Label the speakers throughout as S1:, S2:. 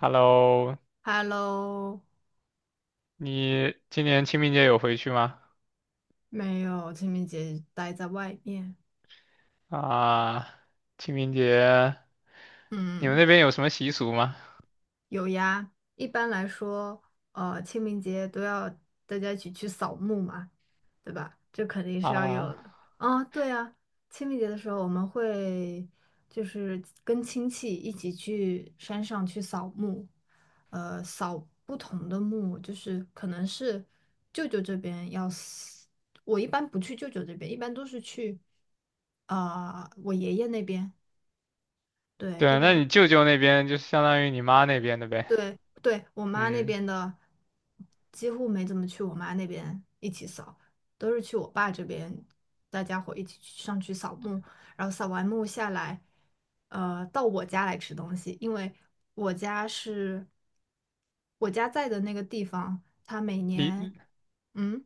S1: Hello，
S2: Hello，
S1: 你今年清明节有回去吗？
S2: 没有，清明节待在外面。
S1: 啊，清明节你们
S2: 嗯，
S1: 那边有什么习俗吗？
S2: 有呀。一般来说，清明节都要大家一起去扫墓嘛。对吧？这肯定是要有
S1: 啊，
S2: 的。啊，对啊，清明节的时候我们会就是跟亲戚一起去山上去扫墓，扫不同的墓，就是可能是舅舅这边要死，我一般不去舅舅这边，一般都是去啊、我爷爷那边。对，一
S1: 对，那
S2: 般。
S1: 你舅舅那边就相当于你妈那边的呗。
S2: 对对，我妈那
S1: 嗯，
S2: 边的几乎没怎么去我妈那边一起扫，都是去我爸这边，大家伙一起去上去扫墓，然后扫完墓下来，到我家来吃东西，因为我家是我家在的那个地方，它每年，
S1: 离
S2: 嗯。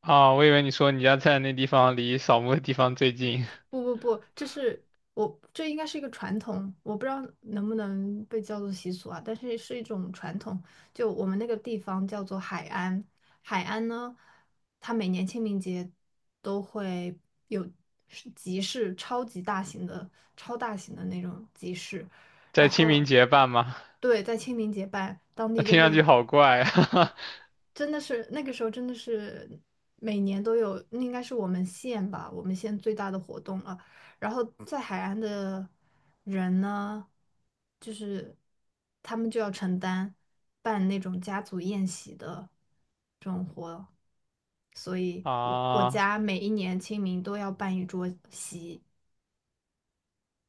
S1: 啊，我以为你说你家在那地方离扫墓的地方最近，
S2: 不不不，这是我这应该是一个传统，我不知道能不能被叫做习俗啊，但是是一种传统。就我们那个地方叫做海安，海安呢，它每年清明节都会有是集市，超级大型的、超大型的那种集市，然
S1: 在清
S2: 后
S1: 明节办吗？
S2: 对，在清明节办，当
S1: 那
S2: 地就
S1: 听上
S2: 会
S1: 去好怪啊！
S2: 真的是那个时候真的是每年都有，那应该是我们县吧，我们县最大的活动了。然后在海岸的人呢，就是他们就要承担办那种家族宴席的这种活，所以我我
S1: 啊，
S2: 家每一年清明都要办一桌席，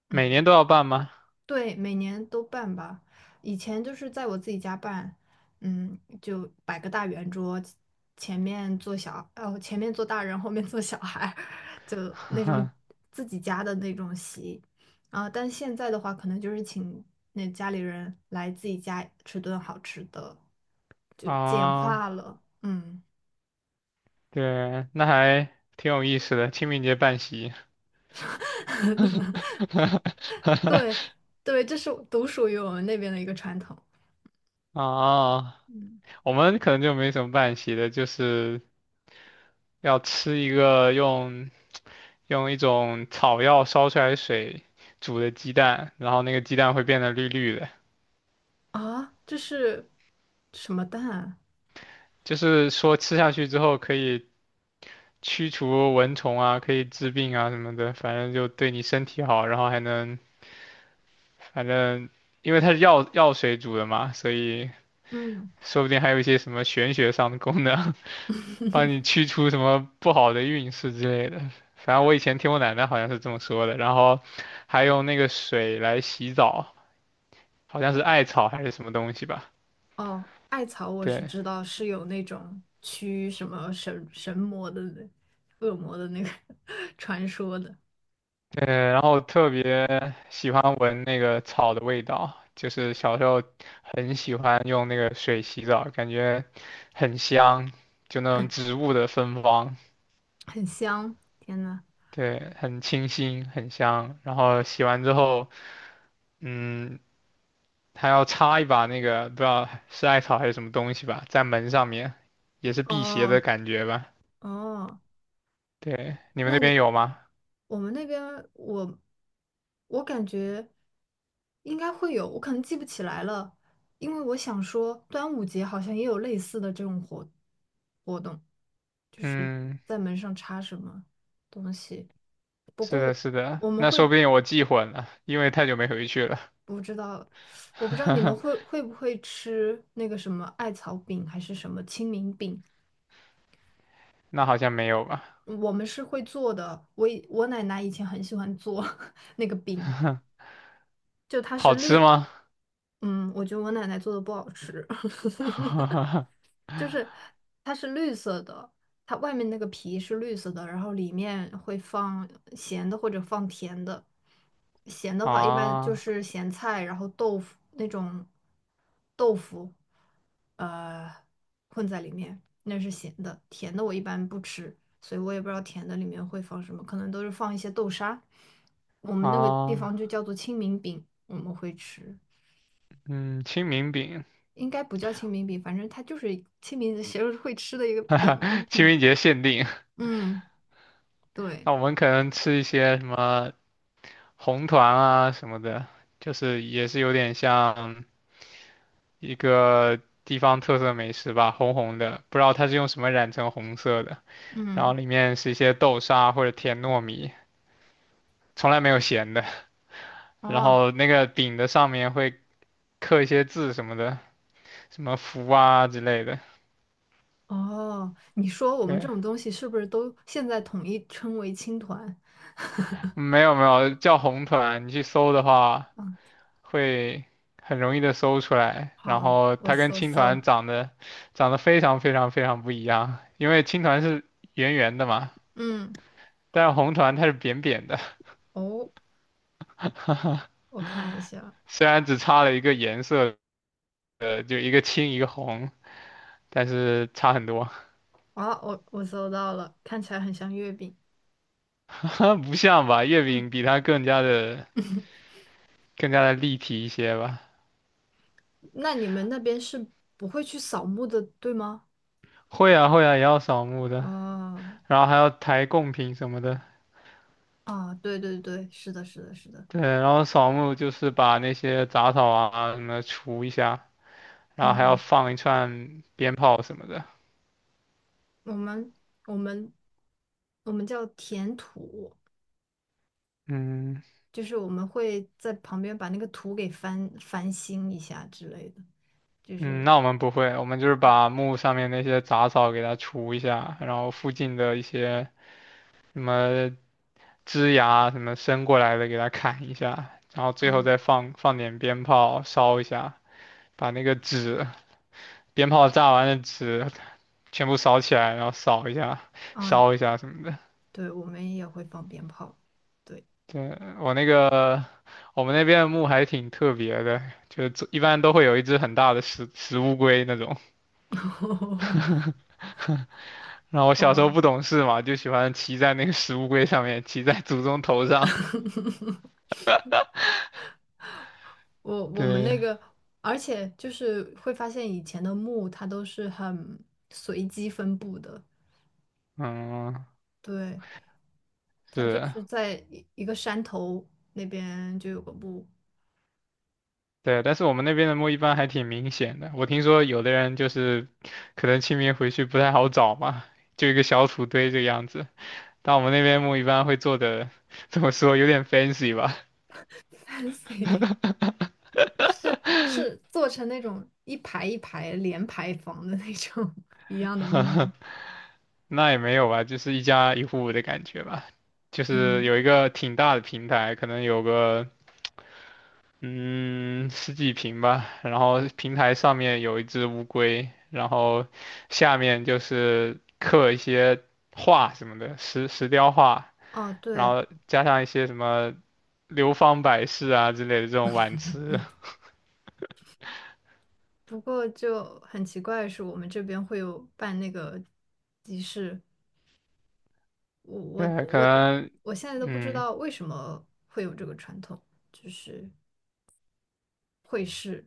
S1: 每年
S2: 嗯。
S1: 都要办吗？
S2: 对，每年都办吧。以前就是在我自己家办，嗯，就摆个大圆桌，前面坐小，哦，前面坐大人，后面坐小孩儿，就那种 自己家的那种席。啊，但现在的话，可能就是请那家里人来自己家吃顿好吃的，就简
S1: 啊，
S2: 化了。嗯，
S1: 对，那还挺有意思的，清明节办席。
S2: 对对，这是独属于我们那边的一个传统。
S1: 啊，
S2: 嗯。
S1: 我们可能就没什么办席的，就是要吃一个用一种草药烧出来的水煮的鸡蛋，然后那个鸡蛋会变得绿绿的，
S2: 啊，这是什么蛋啊
S1: 就是说吃下去之后可以驱除蚊虫啊，可以治病啊什么的，反正就对你身体好，然后还能反正因为它是药水煮的嘛，所以
S2: 嗯，
S1: 说不定还有一些什么玄学上的功能。帮你 驱除什么不好的运势之类的。反正我以前听我奶奶好像是这么说的，然后还用那个水来洗澡，好像是艾草还是什么东西吧。
S2: 哦，艾草我是
S1: 对
S2: 知道是有那种驱什么神神魔的那恶魔的那个 传说的，
S1: 对，然后特别喜欢闻那个草的味道，就是小时候很喜欢用那个水洗澡，感觉很香，就那种 植物的芬芳，
S2: 很香。天呐，
S1: 对，很清新，很香。然后洗完之后，嗯，他要插一把那个不知道是艾草还是什么东西吧，在门上面，也是辟邪
S2: 哦
S1: 的感觉吧？
S2: 哦，
S1: 对，你们
S2: 那
S1: 那边
S2: 你
S1: 有吗？
S2: 我们那边我我感觉应该会有，我可能记不起来了，因为我想说端午节好像也有类似的这种活动，就是
S1: 嗯，
S2: 在门上插什么东西。不
S1: 是
S2: 过
S1: 的，是的，
S2: 我们
S1: 那说
S2: 会
S1: 不定我记混了，因为太久没回去了。
S2: 不知道，我不知道你们会 会不会吃那个什么艾草饼还是什么清明饼。
S1: 那好像没有吧？
S2: 我们是会做的，我奶奶以前很喜欢做 那个饼，就它是
S1: 好吃
S2: 绿
S1: 吗？
S2: 嗯，我觉得我奶奶做的不好吃，就是它是绿色的，它外面那个皮是绿色的，然后里面会放咸的或者放甜的。咸的话一般就
S1: 啊
S2: 是咸菜，然后豆腐那种豆腐，呃，混在里面，那是咸的。甜的我一般不吃，所以我也不知道甜的里面会放什么，可能都是放一些豆沙。我们那个地
S1: 啊，
S2: 方就叫做清明饼，我们会吃。
S1: 嗯，清明饼，
S2: 应该不叫清明饼，反正它就是清明节会吃的一个饼。
S1: 清
S2: 嗯
S1: 明节限定。
S2: 嗯，对，
S1: 那我们可能吃一些什么红团啊什么的，就是也是有点像。一个地方特色美食吧，红红的，不知道它是用什么染成红色的。然后
S2: 嗯，
S1: 里面是一些豆沙或者甜糯米，从来没有咸的。然
S2: 哦
S1: 后那个饼的上面会刻一些字什么的，什么福啊之类的。
S2: 哦，你说我们这
S1: 对，
S2: 种东西是不是都现在统一称为青团？
S1: 没有没有，叫红团，你去搜的话
S2: 嗯，
S1: 会很容易的搜出来。然
S2: 好，
S1: 后
S2: 我
S1: 它跟
S2: 搜
S1: 青
S2: 搜。
S1: 团长得非常非常非常不一样，因为青团是圆圆的嘛，
S2: 嗯，
S1: 但是红团它是扁扁的。
S2: 哦，我看一下。
S1: 虽然只差了一个颜色，就一个青一个红，但是差很多，
S2: 啊，我搜到了，看起来很像月饼。
S1: 不像吧？月
S2: 嗯，
S1: 饼比它更加的 更加的立体一些吧。
S2: 那你们那边是不会去扫墓的，对吗？
S1: 会啊会啊，也要扫墓的，
S2: 啊
S1: 然后还要抬贡品什么的。
S2: 啊，对对对，是的，是的，是的。
S1: 对，然后扫墓就是把那些杂草啊什么除一下，然后还要
S2: 嗯。
S1: 放一串鞭炮什么的。
S2: 我们我们我们叫填土，
S1: 嗯
S2: 就是我们会在旁边把那个土给翻新一下之类的，就
S1: 嗯，
S2: 是
S1: 那我们不会，我们就是把墓上面那些杂草给它除一下，然后附近的一些什么枝芽什么伸过来的给它砍一下，然后最后
S2: 啊
S1: 再放点鞭炮烧一下，把那个纸鞭炮炸完的纸全部烧起来，然后扫一下、
S2: 啊，
S1: 烧一下什么的。
S2: 对，我们也会放鞭炮，对，
S1: 对，我那个我们那边的墓还挺特别的，就是一般都会有一只很大的石乌龟那种。然后我小时候
S2: 哦，
S1: 不懂事嘛，就喜欢骑在那个石乌龟上面，骑在祖宗头上。
S2: 我我们
S1: 对，
S2: 那个，而且就是会发现以前的墓它都是很随机分布的，
S1: 嗯，
S2: 对，它就
S1: 是。
S2: 是在一个山头那边就有个墓
S1: 对，但是我们那边的墓一般还挺明显的。我听说有的人就是可能清明回去不太好找嘛，就一个小土堆这个样子。但我们那边墓一般会做的，怎么说，有点 fancy 吧。
S2: ，fancy。是是做成那种一排一排连排房的那种 一样的木木
S1: 那也没有吧，就是一家一户的感觉吧，就是
S2: 嗯，
S1: 有一个挺大的平台，可能有个嗯十几平吧，然后平台上面有一只乌龟，然后下面就是刻一些画什么的，石雕画，
S2: 哦，
S1: 然
S2: 对，
S1: 后加上一些什么流芳百世啊之类的这种挽词，
S2: 不过就很奇怪的是，我们这边会有办那个集市，我
S1: 对，
S2: 我
S1: 可
S2: 我
S1: 能
S2: 我现在都不知
S1: 嗯
S2: 道为什么会有这个传统，就是会试。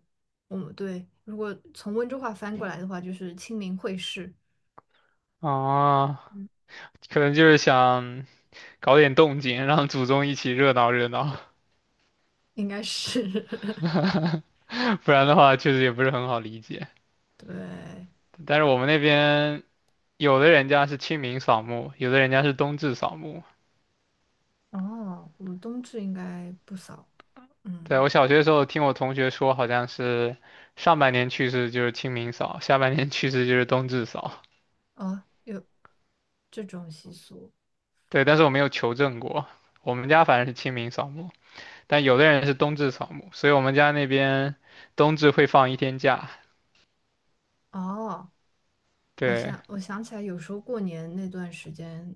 S2: 我们对，如果从温州话翻过来的话，就是清明会试，
S1: 啊，
S2: 嗯
S1: 可能就是想搞点动静，让祖宗一起热闹热闹，
S2: 应该是
S1: 不然的话确实也不是很好理解。
S2: 对。
S1: 但是我们那边有的人家是清明扫墓，有的人家是冬至扫墓。
S2: 哦，我们冬至应该不扫，
S1: 对，
S2: 嗯。
S1: 我小学的时候听我同学说，好像是上半年去世就是清明扫，下半年去世就是冬至扫。
S2: 哦，有这种习俗
S1: 对，但是我没有求证过，我们家反正是清明扫墓。但有的人是冬至扫墓，所以我们家那边冬至会放一天假。
S2: 哦。我
S1: 对，
S2: 想，我想起来，有时候过年那段时间，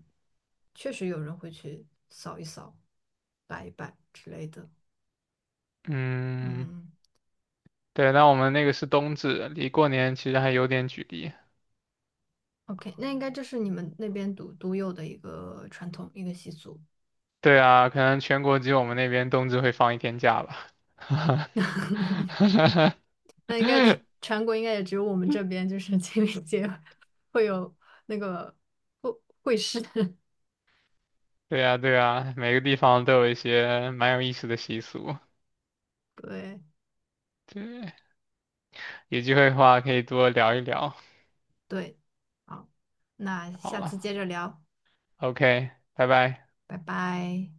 S2: 确实有人会去扫一扫、摆一摆之类的。
S1: 嗯，
S2: 嗯
S1: 对，那我们那个是冬至，离过年其实还有点距离。
S2: ，OK，那应该这是你们那边独有的一个传统、一个习俗。
S1: 对啊，可能全国只有我们那边冬至会放一天假吧。
S2: 那应该全国应该也只有我们这边，就是 清明节会有那个会会师。
S1: 对呀，对呀，每个地方都有一些蛮有意思的习俗。
S2: 对
S1: 对，有机会的话可以多聊一聊。
S2: 对，好，那下
S1: 好
S2: 次接着聊，
S1: ，OK，拜拜。
S2: 拜拜。